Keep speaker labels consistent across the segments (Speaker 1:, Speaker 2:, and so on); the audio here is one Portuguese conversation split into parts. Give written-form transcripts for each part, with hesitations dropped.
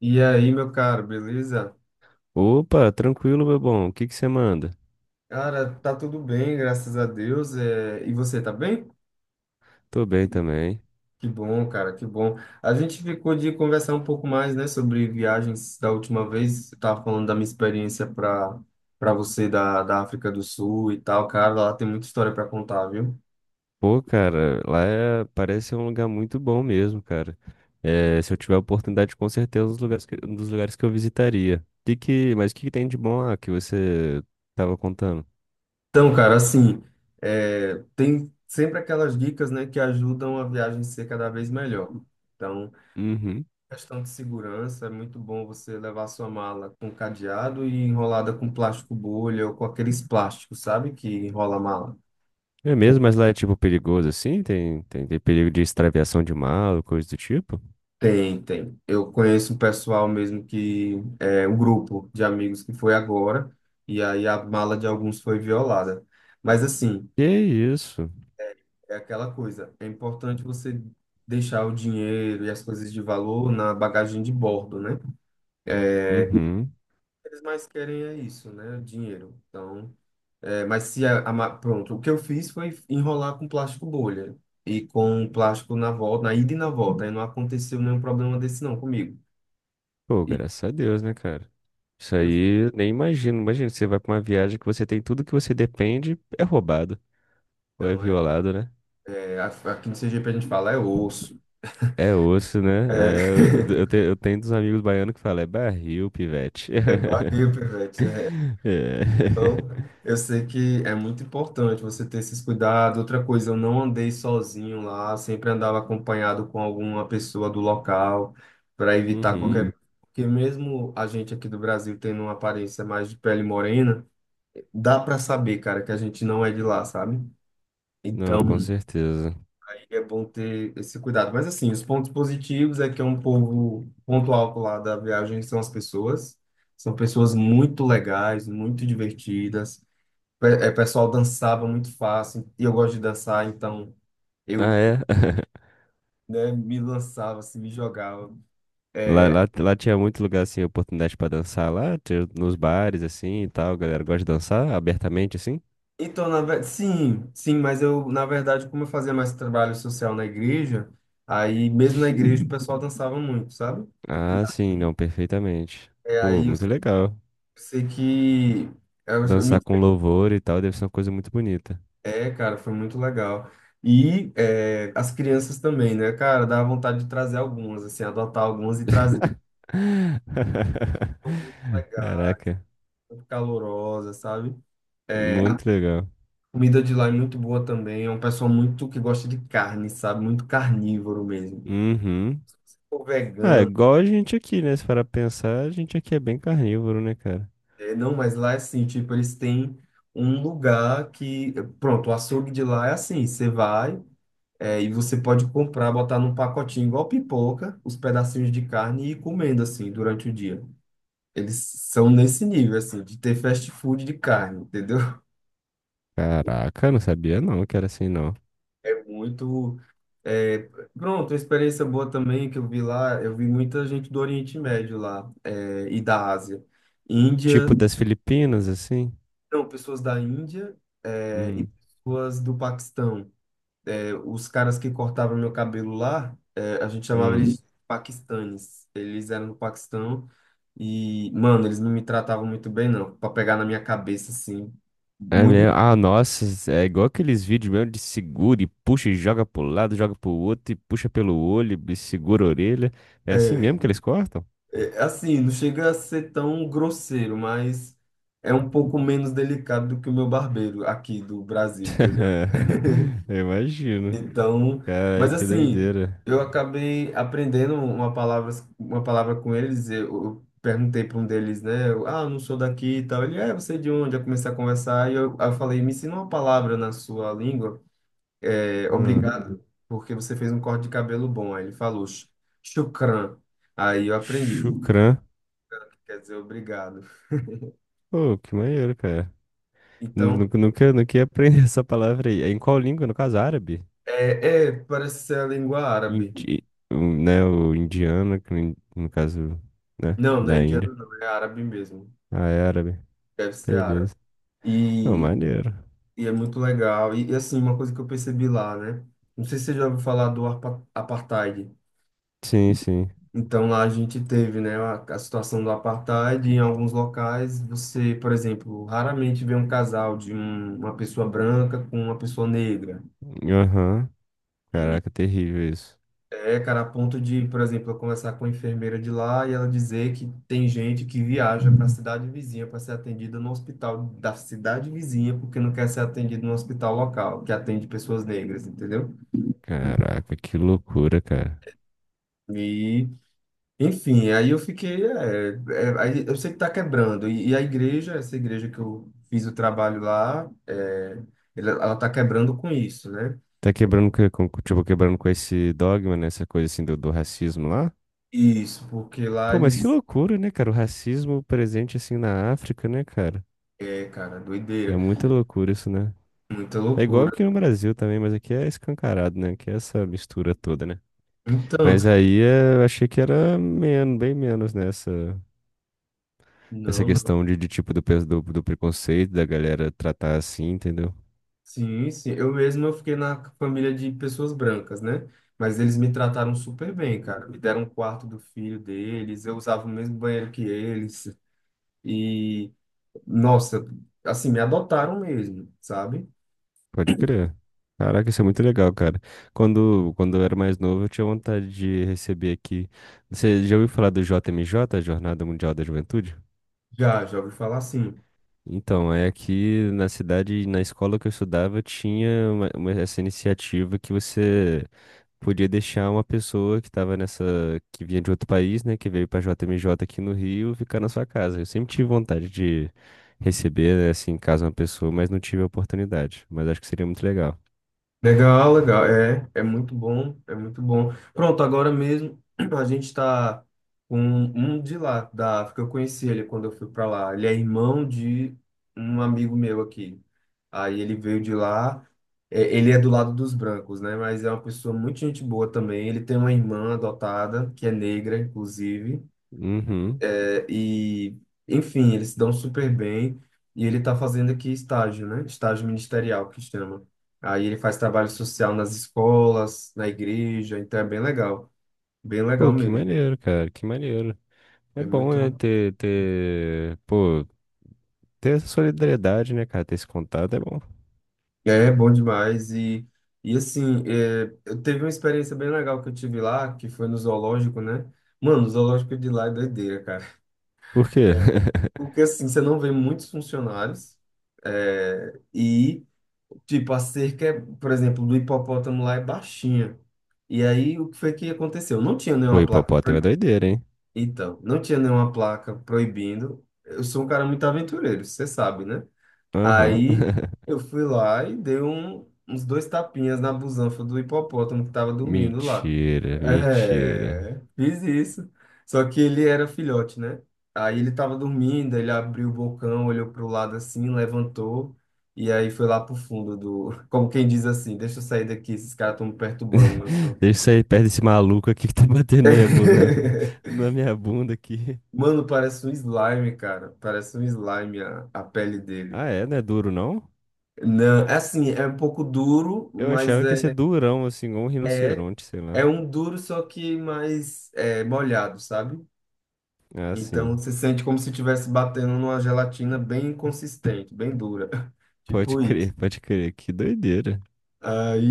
Speaker 1: E aí, meu caro, beleza?
Speaker 2: Opa, tranquilo, meu bom. O que que você manda?
Speaker 1: Cara, tá tudo bem, graças a Deus. É, e você tá bem?
Speaker 2: Tô bem também.
Speaker 1: Que bom, cara, que bom. A gente ficou de conversar um pouco mais, né, sobre viagens da última vez. Eu tava falando da minha experiência para você da África do Sul e tal, cara. Lá tem muita história para contar, viu?
Speaker 2: Pô, cara, parece um lugar muito bom mesmo, cara. É, se eu tiver oportunidade, com certeza, é um dos lugares que eu visitaria. Mas o que que tem de bom lá que você tava contando?
Speaker 1: Então, cara, assim, tem sempre aquelas dicas, né, que ajudam a viagem ser cada vez melhor. Então,
Speaker 2: Uhum.
Speaker 1: questão de segurança, é muito bom você levar sua mala com cadeado e enrolada com plástico bolha ou com aqueles plásticos, sabe, que enrola a mala.
Speaker 2: É mesmo, mas lá é tipo perigoso assim? Tem perigo de extraviação de mala, coisa do tipo?
Speaker 1: Tem, tem. Eu conheço um pessoal mesmo que é um grupo de amigos que foi agora e aí a mala de alguns foi violada. Mas assim,
Speaker 2: Que isso?
Speaker 1: é aquela coisa, é importante você deixar o dinheiro e as coisas de valor na bagagem de bordo, né? É, o
Speaker 2: Uhum.
Speaker 1: que eles mais querem é isso, né? Dinheiro. Então, mas se pronto, o que eu fiz foi enrolar com plástico bolha e com plástico na volta, na ida e na volta. Aí não aconteceu nenhum problema desse não comigo.
Speaker 2: Pô,
Speaker 1: E
Speaker 2: graças a Deus, né, cara? Isso
Speaker 1: eu,
Speaker 2: aí eu nem imagino. Imagina, você vai pra uma viagem que você tem tudo que você depende, é roubado, ou é
Speaker 1: então,
Speaker 2: violado, né?
Speaker 1: aqui no CGP a gente fala é osso,
Speaker 2: É osso, né?
Speaker 1: é,
Speaker 2: É, eu tenho dos amigos baianos que falam, é barril, pivete.
Speaker 1: é barril, pivete, então,
Speaker 2: É.
Speaker 1: eu sei que é muito importante você ter esses cuidados. Outra coisa, eu não andei sozinho lá, sempre andava acompanhado com alguma pessoa do local para evitar
Speaker 2: Uhum.
Speaker 1: qualquer. Porque mesmo a gente aqui do Brasil tendo uma aparência mais de pele morena, dá para saber, cara, que a gente não é de lá, sabe?
Speaker 2: Não,
Speaker 1: Então,
Speaker 2: com
Speaker 1: uhum,
Speaker 2: certeza.
Speaker 1: aí é bom ter esse cuidado. Mas assim, os pontos positivos é que é um povo, ponto alto lá da viagem são as pessoas. São pessoas muito legais, muito divertidas. O pessoal dançava muito fácil, e eu gosto de dançar, então eu,
Speaker 2: Ah, é?
Speaker 1: né, me lançava, assim, me jogava. É,
Speaker 2: Lá tinha muito lugar, assim, oportunidade pra dançar lá, tinha nos bares, assim, e tal, a galera gosta de dançar abertamente, assim.
Speaker 1: então, sim, sim, mas eu, na verdade, como eu fazia mais trabalho social na igreja, aí mesmo na igreja o pessoal dançava muito, sabe?
Speaker 2: Ah, sim, não, perfeitamente.
Speaker 1: É,
Speaker 2: Pô,
Speaker 1: aí eu
Speaker 2: muito legal.
Speaker 1: sei que eu me,
Speaker 2: Dançar com louvor e tal deve ser uma coisa muito bonita.
Speaker 1: cara, foi muito legal. E, as crianças também, né, cara, dá vontade de trazer algumas, assim, adotar algumas e trazer. Legal,
Speaker 2: Caraca,
Speaker 1: muito calorosa, sabe? Eh,
Speaker 2: muito legal.
Speaker 1: comida de lá é muito boa também. É um pessoal muito que gosta de carne, sabe? Muito carnívoro mesmo.
Speaker 2: Uhum.
Speaker 1: Ou
Speaker 2: Ah, é
Speaker 1: vegano.
Speaker 2: igual a gente aqui, né? Se parar pra pensar, a gente aqui é bem carnívoro, né, cara?
Speaker 1: Não, mas lá é assim, tipo, eles têm um lugar que... Pronto, o açougue de lá é assim. Você vai, e você pode comprar, botar num pacotinho igual pipoca, os pedacinhos de carne e ir comendo, assim, durante o dia. Eles são nesse nível, assim, de ter fast food de carne, entendeu?
Speaker 2: Caraca, não sabia não que era assim, não.
Speaker 1: Muito. É, pronto, uma experiência boa também que eu vi lá, eu vi muita gente do Oriente Médio lá, e da Ásia. Índia,
Speaker 2: Tipo das Filipinas, assim?
Speaker 1: não, pessoas da Índia, e
Speaker 2: Hum,
Speaker 1: pessoas do Paquistão. É, os caras que cortavam meu cabelo lá, a gente chamava
Speaker 2: hum.
Speaker 1: eles de paquistanes. Eles eram do Paquistão e, mano, eles não me tratavam muito bem, não, para pegar na minha cabeça, assim.
Speaker 2: É
Speaker 1: Muito.
Speaker 2: mesmo. Ah, nossa, é igual aqueles vídeos mesmo de segura e puxa e joga pro lado, joga pro outro e puxa pelo olho e segura a orelha. É assim mesmo
Speaker 1: é,
Speaker 2: que eles cortam?
Speaker 1: É assim, não chega a ser tão grosseiro, mas é um pouco menos delicado do que o meu barbeiro aqui do Brasil, entendeu?
Speaker 2: Eu imagino.
Speaker 1: Então,
Speaker 2: Cara,
Speaker 1: mas
Speaker 2: que
Speaker 1: assim,
Speaker 2: doideira.
Speaker 1: eu acabei aprendendo uma palavra com eles. Eu perguntei para um deles, né? Eu não sou daqui e tal. Ele, você é de onde? Eu comecei a conversar e eu, aí eu falei, me ensina uma palavra na sua língua. É,
Speaker 2: Ah,
Speaker 1: obrigado, porque você fez um corte de cabelo bom. Aí ele falou, shukran." Aí eu aprendi.
Speaker 2: chucrã.
Speaker 1: Quer dizer, obrigado.
Speaker 2: Pô, que maneiro, cara.
Speaker 1: Então,
Speaker 2: Nunca ia aprender essa palavra aí. É em qual língua? No caso, árabe?
Speaker 1: parece ser a língua árabe.
Speaker 2: Indi... o- Né, o indiano, que no caso, né,
Speaker 1: Não, não é
Speaker 2: da Índia.
Speaker 1: indiano, não, é árabe mesmo.
Speaker 2: Ah, é árabe.
Speaker 1: Deve ser árabe.
Speaker 2: Beleza. Não,
Speaker 1: E,
Speaker 2: maneiro.
Speaker 1: e é muito legal. E, assim, uma coisa que eu percebi lá, né? Não sei se você já ouviu falar do apartheid.
Speaker 2: Sim, sim.
Speaker 1: Então, lá a gente teve, né, a situação do apartheid. Em alguns locais, você, por exemplo, raramente vê um casal de uma pessoa branca com uma pessoa negra.
Speaker 2: Aham. Caraca, terrível isso.
Speaker 1: É, cara, a ponto de, por exemplo, eu conversar com a enfermeira de lá e ela dizer que tem gente que viaja para a cidade vizinha para ser atendida no hospital da cidade vizinha porque não quer ser atendido no hospital local, que atende pessoas negras, entendeu?
Speaker 2: Caraca, que loucura, cara.
Speaker 1: E, enfim, aí eu fiquei, aí eu sei que tá quebrando. E a igreja, essa igreja que eu fiz o trabalho lá, ela tá quebrando com isso, né?
Speaker 2: Quebrando com esse dogma, né? Essa coisa assim do racismo lá.
Speaker 1: Isso, porque lá
Speaker 2: Pô, mas que
Speaker 1: eles,
Speaker 2: loucura, né, cara? O racismo presente assim na África, né, cara?
Speaker 1: cara,
Speaker 2: É
Speaker 1: doideira,
Speaker 2: muita loucura isso, né?
Speaker 1: muita
Speaker 2: É igual
Speaker 1: loucura.
Speaker 2: aqui no Brasil também, mas aqui é escancarado, né? Aqui é essa mistura toda, né?
Speaker 1: Então,
Speaker 2: Mas aí é, eu achei que era menos, bem menos, né? Essa
Speaker 1: não,
Speaker 2: questão de tipo do preconceito, da galera tratar assim, entendeu?
Speaker 1: sim, sim. Eu mesmo eu fiquei na família de pessoas brancas, né? Mas eles me trataram super bem, cara. Me deram um quarto do filho deles, eu usava o mesmo banheiro que eles. E, nossa, assim, me adotaram mesmo, sabe?
Speaker 2: Pode crer. Caraca, isso é muito legal, cara. Quando eu era mais novo, eu tinha vontade de receber aqui. Você já ouviu falar do JMJ, Jornada Mundial da Juventude?
Speaker 1: Já, já ouvi falar assim.
Speaker 2: Então, é aqui na cidade, na escola que eu estudava, tinha essa iniciativa que você podia deixar uma pessoa que estava nessa, que vinha de outro país, né, que veio para JMJ aqui no Rio, ficar na sua casa. Eu sempre tive vontade de receber, né, assim, em casa uma pessoa, mas não tive a oportunidade. Mas acho que seria muito legal.
Speaker 1: Legal, legal. É, é muito bom, é muito bom. Pronto, agora mesmo a gente está com um de lá, da África. Eu conheci ele quando eu fui para lá. Ele é irmão de um amigo meu aqui. Aí ele veio de lá. É, ele é do lado dos brancos, né? Mas é uma pessoa muito gente boa também. Ele tem uma irmã adotada, que é negra, inclusive.
Speaker 2: Uhum.
Speaker 1: É, e, Enfim, eles se dão super bem. E ele está fazendo aqui estágio, né? Estágio ministerial, que chama. Aí ele faz trabalho social nas escolas, na igreja, então é bem legal. Bem legal
Speaker 2: Pô, que
Speaker 1: mesmo.
Speaker 2: maneiro, cara, que maneiro. É
Speaker 1: É
Speaker 2: bom,
Speaker 1: muito.
Speaker 2: né, pô, ter essa solidariedade, né, cara, ter esse contato é bom.
Speaker 1: É bom demais. E assim, eu teve uma experiência bem legal que eu tive lá, que foi no zoológico, né? Mano, o zoológico de lá é doideira, cara.
Speaker 2: Por quê?
Speaker 1: Porque assim, você não vê muitos funcionários. É, e tipo, a cerca, por exemplo, do hipopótamo lá é baixinha. E aí, o que foi que aconteceu? Não tinha
Speaker 2: Pô,
Speaker 1: nenhuma placa.
Speaker 2: hipopótamo é doideira, hein?
Speaker 1: Então, não tinha nenhuma placa proibindo. Eu sou um cara muito aventureiro, você sabe, né?
Speaker 2: Aham.
Speaker 1: Aí eu fui lá e dei uns dois tapinhas na busanfa do hipopótamo que tava dormindo lá.
Speaker 2: Mentira, mentira.
Speaker 1: É, fiz isso. Só que ele era filhote, né? Aí ele tava dormindo, ele abriu o bocão, olhou pro lado assim, levantou e aí foi lá pro fundo do, como quem diz assim, deixa eu sair daqui, esses caras estão me perturbando, meu sono.
Speaker 2: Deixa eu sair perto desse maluco aqui que tá batendo na minha bunda, na minha bunda aqui.
Speaker 1: Mano, parece um slime, cara. Parece um slime a pele dele.
Speaker 2: Ah, é? Não é duro, não?
Speaker 1: Não, é assim, é um pouco duro,
Speaker 2: Eu
Speaker 1: mas
Speaker 2: achava que ia ser
Speaker 1: é
Speaker 2: durão, assim, igual um
Speaker 1: É,
Speaker 2: rinoceronte, sei lá.
Speaker 1: um duro, só que mais é, molhado, sabe?
Speaker 2: Ah, sim.
Speaker 1: Então você sente como se estivesse batendo numa gelatina bem consistente, bem dura.
Speaker 2: Pode
Speaker 1: Tipo isso.
Speaker 2: crer, pode crer. Que doideira.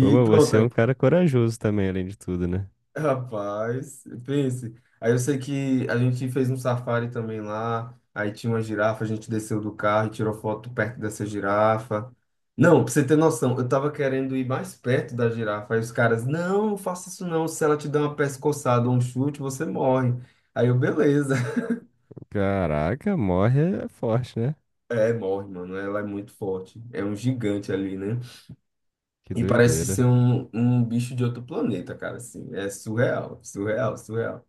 Speaker 2: Ô, mas
Speaker 1: pronto.
Speaker 2: você é um cara corajoso também, além de tudo, né?
Speaker 1: Rapaz, pense. Aí eu sei que a gente fez um safari também lá. Aí tinha uma girafa, a gente desceu do carro e tirou foto perto dessa girafa. Não, pra você ter noção, eu tava querendo ir mais perto da girafa. Aí os caras, não, não faça isso não. Se ela te der uma pescoçada ou um chute, você morre. Aí eu, beleza.
Speaker 2: Caraca, morre é forte, né?
Speaker 1: É, morre, mano. Ela é muito forte. É um gigante ali, né?
Speaker 2: Que
Speaker 1: E parece ser
Speaker 2: doideira.
Speaker 1: um bicho de outro planeta, cara. Assim, é surreal, surreal, surreal.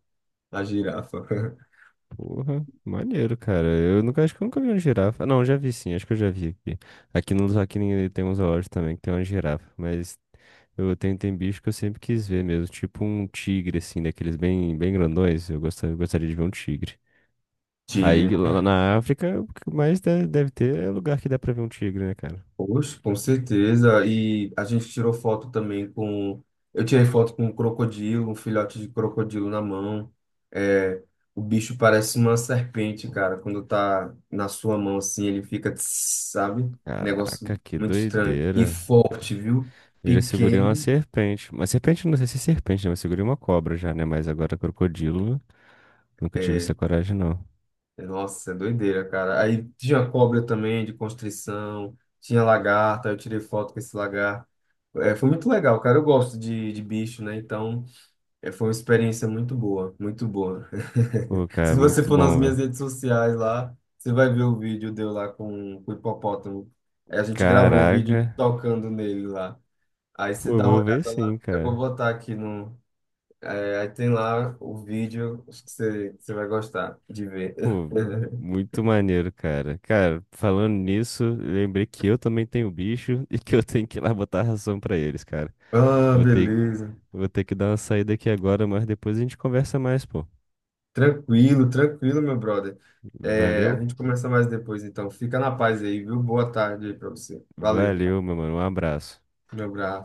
Speaker 1: A girafa.
Speaker 2: Porra, maneiro, cara. Eu nunca, acho que eu nunca vi uma girafa. Não, já vi sim, acho que eu já vi aqui. Aqui no aqui em- tem uns zoológico também que tem uma girafa, mas eu tenho, tem bicho que eu sempre quis ver mesmo, tipo um tigre, assim, daqueles bem grandões. Eu gostaria de ver um tigre.
Speaker 1: Tigre.
Speaker 2: Aí lá na África, o que mais de- deve ter é lugar que dá pra ver um tigre, né, cara?
Speaker 1: Poxa, com certeza. E a gente tirou foto também com. Eu tirei foto com um crocodilo, um filhote de crocodilo na mão. É, o bicho parece uma serpente, cara. Quando tá na sua mão assim, ele fica, tss, sabe?
Speaker 2: Caraca,
Speaker 1: Negócio
Speaker 2: que
Speaker 1: muito estranho. E
Speaker 2: doideira.
Speaker 1: forte, viu?
Speaker 2: Ele segurou uma
Speaker 1: Pequeno.
Speaker 2: serpente. Mas serpente, não sei se é serpente, né? Mas segurei uma cobra já, né? Mas agora crocodilo. Nunca tive
Speaker 1: É,
Speaker 2: essa coragem, não.
Speaker 1: nossa, é doideira, cara. Aí tinha cobra também, de constrição. Tinha lagarta. Eu tirei foto com esse lagarto. É, foi muito legal, cara. Eu gosto de bicho, né? Então. É, foi uma experiência muito boa, muito boa.
Speaker 2: Pô,
Speaker 1: Se
Speaker 2: cara,
Speaker 1: você
Speaker 2: muito
Speaker 1: for nas
Speaker 2: bom, velho.
Speaker 1: minhas redes sociais lá, você vai ver o vídeo de eu lá com, o hipopótamo. Aí a gente gravou o
Speaker 2: Caraca.
Speaker 1: vídeo tocando nele lá. Aí você
Speaker 2: Pô, eu
Speaker 1: dá uma
Speaker 2: vou
Speaker 1: olhada
Speaker 2: ver
Speaker 1: lá,
Speaker 2: sim,
Speaker 1: eu vou
Speaker 2: cara.
Speaker 1: botar aqui no. Aí tem lá o vídeo, acho que você vai gostar de ver.
Speaker 2: Pô, muito maneiro, cara. Cara, falando nisso, lembrei que eu também tenho bicho e que eu tenho que ir lá botar ração pra eles, cara.
Speaker 1: Ah,
Speaker 2: Vou ter,
Speaker 1: beleza.
Speaker 2: vou ter que dar uma saída aqui agora, mas depois a gente conversa mais, pô.
Speaker 1: Tranquilo, tranquilo, meu brother. É, a
Speaker 2: Valeu?
Speaker 1: gente começa mais depois, então. Fica na paz aí, viu? Boa tarde aí pra você. Valeu,
Speaker 2: Valeu, meu mano. Um abraço.
Speaker 1: meu abraço.